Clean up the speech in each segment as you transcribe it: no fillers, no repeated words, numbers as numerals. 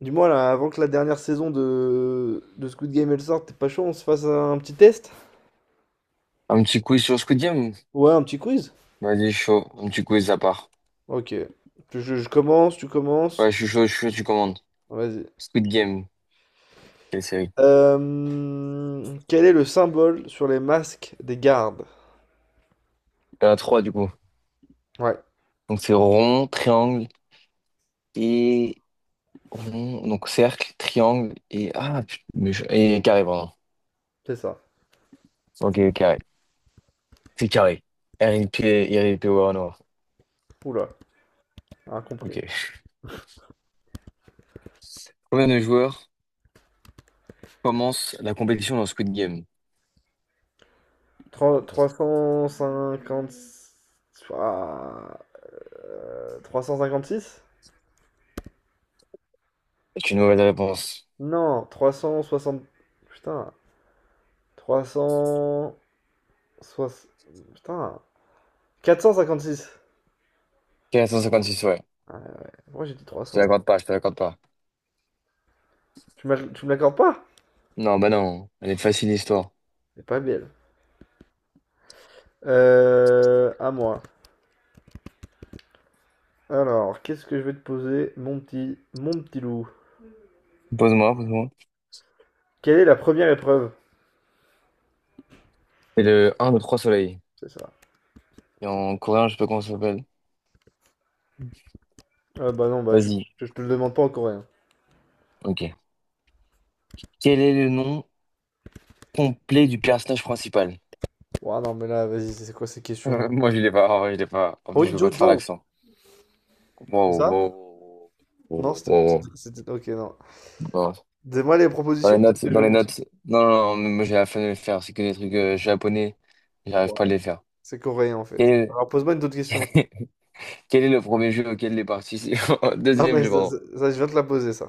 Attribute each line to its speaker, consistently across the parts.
Speaker 1: Dis-moi là, avant que la dernière saison de Squid Game elle sorte, t'es pas chaud, on se fasse un petit test?
Speaker 2: Un petit quiz sur Squid Game?
Speaker 1: Ouais, un petit quiz?
Speaker 2: Vas-y, chaud. Un petit quiz à part.
Speaker 1: Ok. Je commence, tu commences.
Speaker 2: Ouais, je suis chaud, tu commandes.
Speaker 1: Vas-y.
Speaker 2: Squid Game. Quelle série?
Speaker 1: Quel est le symbole sur les masques des gardes?
Speaker 2: Il y en a trois, du coup.
Speaker 1: Ouais,
Speaker 2: Donc, c'est rond, triangle et rond. Donc, cercle, triangle et. Ah, et carré, pardon.
Speaker 1: c'est ça.
Speaker 2: Ok, carré. C'est carré. RIP, RIP Warner.
Speaker 1: Oula,
Speaker 2: Ok.
Speaker 1: incompris.
Speaker 2: Combien de joueurs commencent la compétition dans Squid Game?
Speaker 1: 350. Ah, six.
Speaker 2: C'est une mauvaise réponse.
Speaker 1: Non, 360. Putain. 360. Putain. 456.
Speaker 2: Quatre cent cinquante-six ouais.
Speaker 1: Ouais, ouais. Moi j'ai dit
Speaker 2: Je te
Speaker 1: 300.
Speaker 2: l'accorde pas, je te l'accorde pas.
Speaker 1: Tu me l'accordes pas?
Speaker 2: Non, bah non. Elle est facile, l'histoire.
Speaker 1: C'est pas belle. À moi. Alors, qu'est-ce que je vais te poser, mon petit loup?
Speaker 2: Pose-moi.
Speaker 1: Quelle est la première épreuve?
Speaker 2: C'est le un de 3 soleils.
Speaker 1: C'est ça.
Speaker 2: Et en coréen, je sais pas comment ça s'appelle.
Speaker 1: Bah non, bah
Speaker 2: Vas-y.
Speaker 1: je te le demande pas en coréen.
Speaker 2: Ok. Quel est le nom complet du personnage principal?
Speaker 1: Ouah, non, mais là, vas-y, c'est quoi ces questions?
Speaker 2: Moi, je l'ai pas. En vrai, je l'ai pas. En plus, je veux pas
Speaker 1: Honjo
Speaker 2: te faire
Speaker 1: Do,
Speaker 2: l'accent.
Speaker 1: c'est
Speaker 2: Wow,
Speaker 1: ça?
Speaker 2: wow, wow,
Speaker 1: Non,
Speaker 2: wow, wow, wow.
Speaker 1: ok, non.
Speaker 2: Non.
Speaker 1: Donne-moi les
Speaker 2: Dans les
Speaker 1: propositions, peut-être
Speaker 2: notes,
Speaker 1: que je
Speaker 2: dans
Speaker 1: vais
Speaker 2: les
Speaker 1: m'en souvenir.
Speaker 2: notes. Non, non, non, moi, j'ai la flemme de le faire. C'est que des trucs japonais. J'arrive pas
Speaker 1: Ouah,
Speaker 2: à les faire.
Speaker 1: c'est coréen en
Speaker 2: Quel
Speaker 1: fait.
Speaker 2: est
Speaker 1: Alors, pose-moi une autre question.
Speaker 2: quel est le premier jeu auquel les
Speaker 1: Non,
Speaker 2: Deuxième
Speaker 1: mais
Speaker 2: jeu,
Speaker 1: ça,
Speaker 2: pardon.
Speaker 1: je viens de te la poser, ça.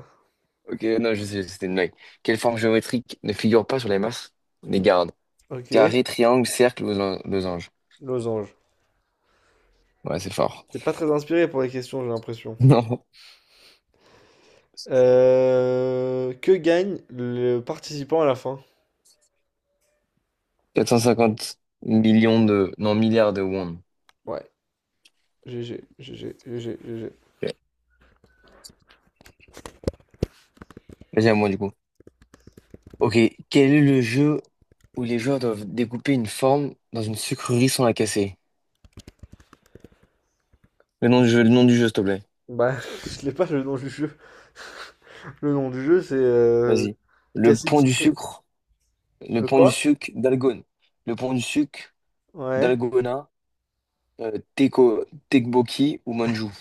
Speaker 2: Ok, non, je sais, c'était une blague. Quelle forme géométrique ne figure pas sur les masses des gardes?
Speaker 1: Ok.
Speaker 2: Carré, triangle, cercle, losange.
Speaker 1: Losange.
Speaker 2: Ouais, c'est fort.
Speaker 1: T'es pas très inspiré pour les questions, j'ai l'impression.
Speaker 2: Non.
Speaker 1: Que gagne le participant à la fin?
Speaker 2: 450 millions de... Non, milliards de won.
Speaker 1: Ouais, GG, GG, GG, GG.
Speaker 2: Ok. Vas-y, à moi, du coup. Ok, quel est le jeu où les joueurs doivent découper une forme dans une sucrerie sans la casser? Le nom du jeu, s'il te plaît.
Speaker 1: Bah, je l'ai pas le nom du jeu. Le nom du jeu, c'est
Speaker 2: Vas-y. Le
Speaker 1: casser le
Speaker 2: pont du
Speaker 1: sucre.
Speaker 2: sucre. Le
Speaker 1: Le
Speaker 2: pont du
Speaker 1: quoi?
Speaker 2: sucre d'Algone. Le pont du sucre
Speaker 1: Ouais.
Speaker 2: d'Algona. Teko, Tekboki ou Manjou.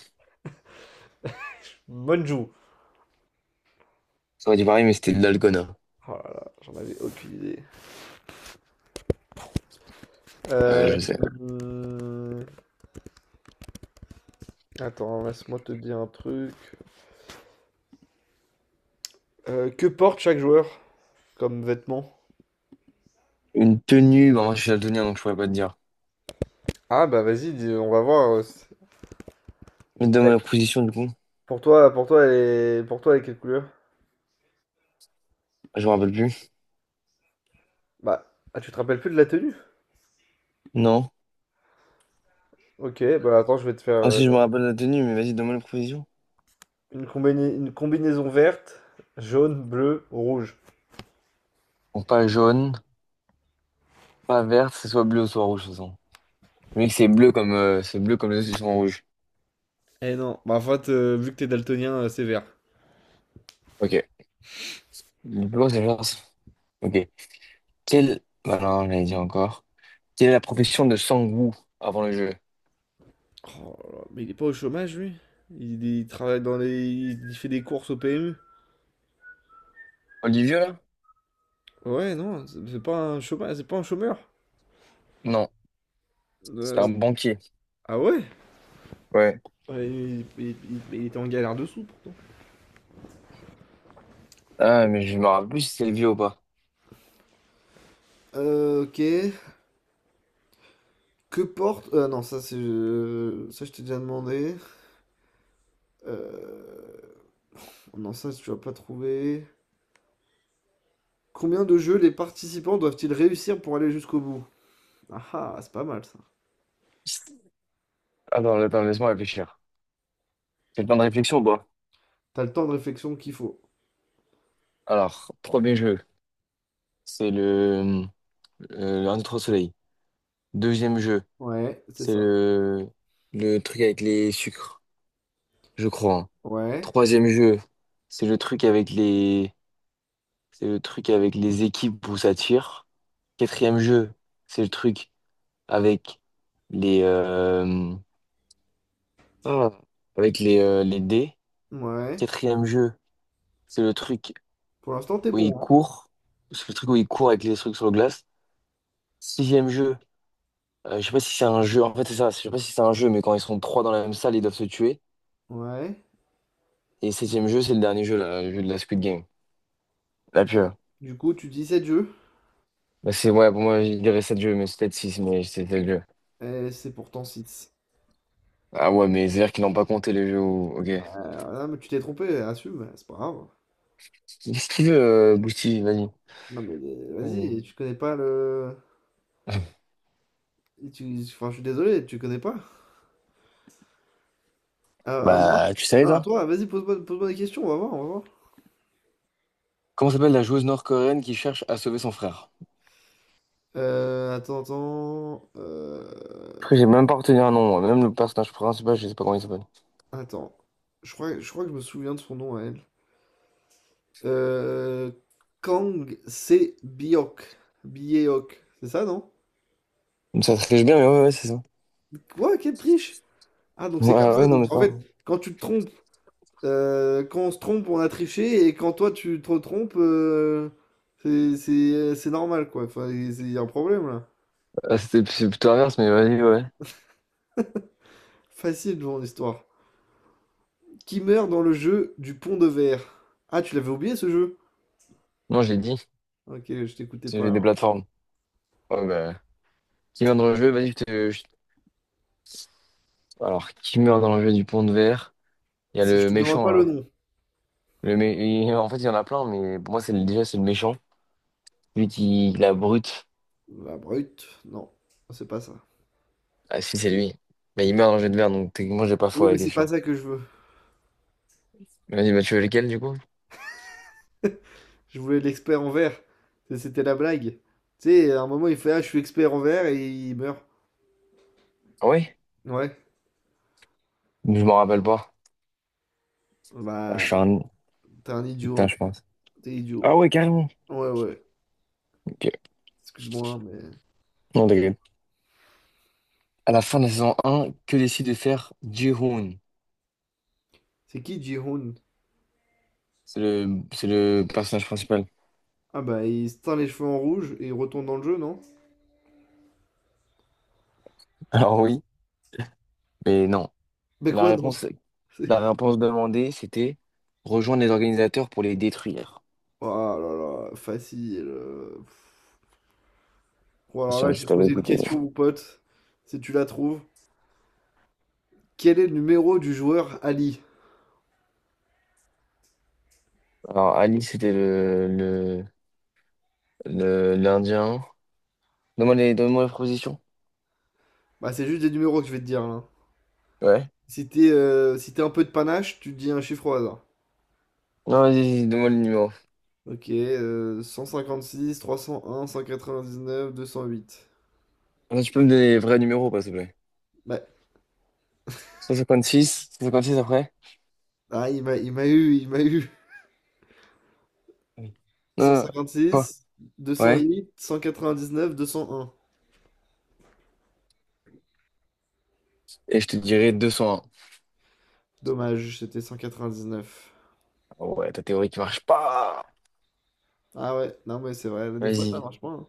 Speaker 1: Bonjou.
Speaker 2: Ça aurait dit pareil, mais c'était de l'Algona.
Speaker 1: Oh là là, j'en avais aucune idée. Euh,
Speaker 2: Je sais.
Speaker 1: hum, attends, laisse-moi te dire un truc. Que porte chaque joueur comme vêtement?
Speaker 2: Une tenue. Bon, moi, je suis daltonien, donc je pourrais pas te dire.
Speaker 1: Ah bah vas-y, on va voir.
Speaker 2: Mais donne-moi la position, du coup.
Speaker 1: Pour toi, elle est quelle couleur?
Speaker 2: Je me rappelle plus.
Speaker 1: Bah, ah, tu te rappelles plus de la tenue?
Speaker 2: Non.
Speaker 1: Ok, bah attends, je vais te faire
Speaker 2: Ah si, je me rappelle la tenue, mais vas-y, donne-moi les provisions.
Speaker 1: une combinaison verte, jaune, bleu, rouge.
Speaker 2: Bon, pas jaune, pas verte, c'est soit bleu ou soit rouge, de toute façon. Le mec, c'est bleu comme les autres, ils sont rouges.
Speaker 1: Eh non, bah en fait, vu que t'es daltonien, c'est vert.
Speaker 2: Ok. Bleu, c'est genre... Ok. Quelle... Bah non, j'allais dire encore. Quelle est la profession de Sang-woo avant le jeu?
Speaker 1: Oh là là, mais il est pas au chômage, lui? Il travaille dans les. Il fait des courses au PMU?
Speaker 2: Olivier, là?
Speaker 1: Ouais, non, c'est pas un chômage, c'est pas un chômeur.
Speaker 2: Non. C'était
Speaker 1: Euh,
Speaker 2: un banquier.
Speaker 1: ah ouais?
Speaker 2: Ouais.
Speaker 1: Ouais, il était en galère dessous, pourtant.
Speaker 2: Ah, mais je me rappelle plus si c'est le ou pas.
Speaker 1: Ok. Que porte. Ah non, ça je t'ai déjà demandé. Euh... Non, ça tu vas pas trouver. Combien de jeux les participants doivent-ils réussir pour aller jusqu'au bout? Ah ah, c'est pas mal ça.
Speaker 2: Attends, laisse-moi réfléchir. C'est le temps de réflexion ou pas?
Speaker 1: T'as le temps de réflexion qu'il faut.
Speaker 2: Alors, premier jeu, c'est le... Un trois soleils. Deuxième jeu.
Speaker 1: Ouais, c'est
Speaker 2: C'est
Speaker 1: ça.
Speaker 2: le truc avec les sucres, je crois, hein.
Speaker 1: Ouais,
Speaker 2: Troisième jeu, c'est le truc avec les équipes où ça tire. Quatrième jeu, c'est le truc avec les, ah, avec les dés.
Speaker 1: ouais.
Speaker 2: Quatrième jeu, c'est le truc
Speaker 1: Pour l'instant, t'es
Speaker 2: où il
Speaker 1: bon, hein.
Speaker 2: court. C'est le truc où il court avec les trucs sur le glace. Sixième jeu, je sais pas si c'est un jeu. En fait, c'est ça. Je sais pas si c'est un jeu, mais quand ils sont trois dans la même salle, ils doivent se tuer.
Speaker 1: Ouais.
Speaker 2: Et septième jeu, c'est le dernier jeu, là, le jeu de la Squid Game. La pure.
Speaker 1: Du coup, tu dis 7 jeux,
Speaker 2: Bah c'est ouais, pour moi, je dirais 7 jeux, mais c'est peut-être 6 mais c'est 7 jeux.
Speaker 1: et c'est pourtant 6.
Speaker 2: Ah ouais, mais c'est-à-dire qu'ils n'ont pas compté les jeux où... Ok.
Speaker 1: Ah mais tu t'es trompé, assume, c'est pas grave.
Speaker 2: Qu'est-ce qu'il veut, Bouti? Vas-y.
Speaker 1: Non, mais
Speaker 2: Vas-y.
Speaker 1: vas-y, tu connais pas le. Enfin, je suis désolé, tu connais pas. À moi?
Speaker 2: Bah, tu savais,
Speaker 1: Non, à
Speaker 2: toi?
Speaker 1: toi, vas-y, pose-moi pose-moi des questions, on va voir, on va voir.
Speaker 2: Comment s'appelle la joueuse nord-coréenne qui cherche à sauver son frère?
Speaker 1: Attends, attends.
Speaker 2: Après, j'ai même pas retenu un nom, moi. Même le personnage principal, je sais pas comment il s'appelle.
Speaker 1: Attends, je crois que je me souviens de son nom à elle. Euh, Kang Se Biok. Biok, c'est ça, non?
Speaker 2: Mais ça triche bien, mais ouais, ouais, c'est ça.
Speaker 1: Quoi, quelle triche? Ah, donc
Speaker 2: Ouais,
Speaker 1: c'est comme ouais,
Speaker 2: ah
Speaker 1: ça. Bah
Speaker 2: ouais, non,
Speaker 1: donc
Speaker 2: mais
Speaker 1: oui,
Speaker 2: c'est
Speaker 1: en
Speaker 2: pas
Speaker 1: fait,
Speaker 2: grave.
Speaker 1: quand tu te trompes, quand on se trompe, on a triché, et quand toi tu te trompes, c'est normal, quoi. Enfin, il y a un problème là.
Speaker 2: Ah, c'est plutôt inverse, mais vas-y, ouais.
Speaker 1: Facile devant l'histoire. Qui meurt dans le jeu du pont de verre? Ah, tu l'avais oublié ce jeu?
Speaker 2: Non, je l'ai dit.
Speaker 1: Ok, je t'écoutais
Speaker 2: C'est
Speaker 1: pas
Speaker 2: des
Speaker 1: alors.
Speaker 2: plateformes. Ouais, bah. Qui meurt dans le jeu? Vas-y, Alors, qui meurt dans le jeu du pont de verre? Il y a
Speaker 1: Si je
Speaker 2: le
Speaker 1: te demande
Speaker 2: méchant,
Speaker 1: pas le
Speaker 2: là.
Speaker 1: nom.
Speaker 2: Le mé- en fait, il y en a plein, mais pour moi, déjà, c'est le méchant. Lui qui la brute.
Speaker 1: La brute, non, c'est pas ça.
Speaker 2: Ah, si, c'est lui. Mais il meurt dans le jeu de merde, donc techniquement, j'ai pas
Speaker 1: Oui,
Speaker 2: faux à
Speaker 1: mais
Speaker 2: la
Speaker 1: c'est pas
Speaker 2: question.
Speaker 1: ça que je veux.
Speaker 2: Vas-y, bah, tu veux lequel, du coup?
Speaker 1: Je voulais l'expert en verre. C'était la blague. Tu sais, à un moment, il fait: ah, je suis expert en verre, et il meurt.
Speaker 2: Ah ouais?
Speaker 1: Ouais.
Speaker 2: Je m'en rappelle pas. Ah, je
Speaker 1: Bah,
Speaker 2: suis un...
Speaker 1: t'es un idiot,
Speaker 2: Putain,
Speaker 1: hein.
Speaker 2: je pense.
Speaker 1: T'es
Speaker 2: Ah
Speaker 1: idiot.
Speaker 2: ouais, carrément.
Speaker 1: Ouais, ouais.
Speaker 2: Ok.
Speaker 1: Excuse-moi, hein, mais.
Speaker 2: Non, t'inquiète. À la fin de la saison un que décide de faire Ji-hoon?
Speaker 1: C'est qui Ji-hoon?
Speaker 2: C'est le personnage principal.
Speaker 1: Ah, bah, il se teint les cheveux en rouge et il retourne dans le jeu, non?
Speaker 2: Alors oui, mais non.
Speaker 1: Mais
Speaker 2: La
Speaker 1: quoi, non?
Speaker 2: réponse, la
Speaker 1: C'est-
Speaker 2: réponse demandée, c'était rejoindre les organisateurs pour les détruire.
Speaker 1: Oh là là, facile. Bon,
Speaker 2: Je
Speaker 1: alors
Speaker 2: sais
Speaker 1: là,
Speaker 2: pas
Speaker 1: je
Speaker 2: si
Speaker 1: vais te
Speaker 2: t'avais
Speaker 1: poser une
Speaker 2: écouté.
Speaker 1: question, mon pote. Si tu la trouves. Quel est le numéro du joueur Ali?
Speaker 2: Alors, Ali, c'était l'Indien. Donne-moi les propositions.
Speaker 1: Bah, c'est juste des numéros que je vais te dire, là.
Speaker 2: Ouais.
Speaker 1: Si t'es un peu de panache, tu dis un chiffre au hasard.
Speaker 2: Non, vas-y, donne-moi le numéro.
Speaker 1: Ok, 156, 301, 199, 208.
Speaker 2: Ah, tu peux me donner les vrais numéros, pas, s'il te plaît.
Speaker 1: Bah,
Speaker 2: 156, 156 après?
Speaker 1: ah, il m'a eu, il m'a eu.
Speaker 2: Oui.
Speaker 1: cent cent cent
Speaker 2: Non,
Speaker 1: cinquante
Speaker 2: quoi?
Speaker 1: six, deux cent
Speaker 2: Ouais.
Speaker 1: huit, 199, 201.
Speaker 2: Et je te dirai 201.
Speaker 1: Dommage, c'était 199.
Speaker 2: Oh ouais, ta théorie qui marche pas.
Speaker 1: Ah ouais, non mais c'est vrai, des fois ça
Speaker 2: Vas-y.
Speaker 1: marche pas, hein.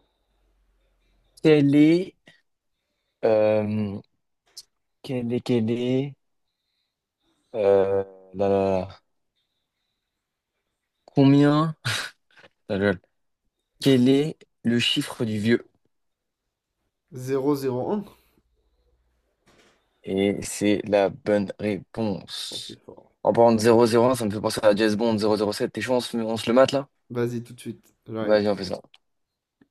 Speaker 2: Quelle est, euh, quelle est, euh, là, là, là. Combien? Ah, lol. Quel est le chiffre du vieux?
Speaker 1: 001.
Speaker 2: Et c'est la bonne
Speaker 1: Oh, c'est
Speaker 2: réponse.
Speaker 1: fort.
Speaker 2: En parlant de 001, ça me fait penser à James Bond 007. T'es chaud, on se le mate là?
Speaker 1: Vas-y, tout de suite, j'arrive.
Speaker 2: Vas-y, on fait ça.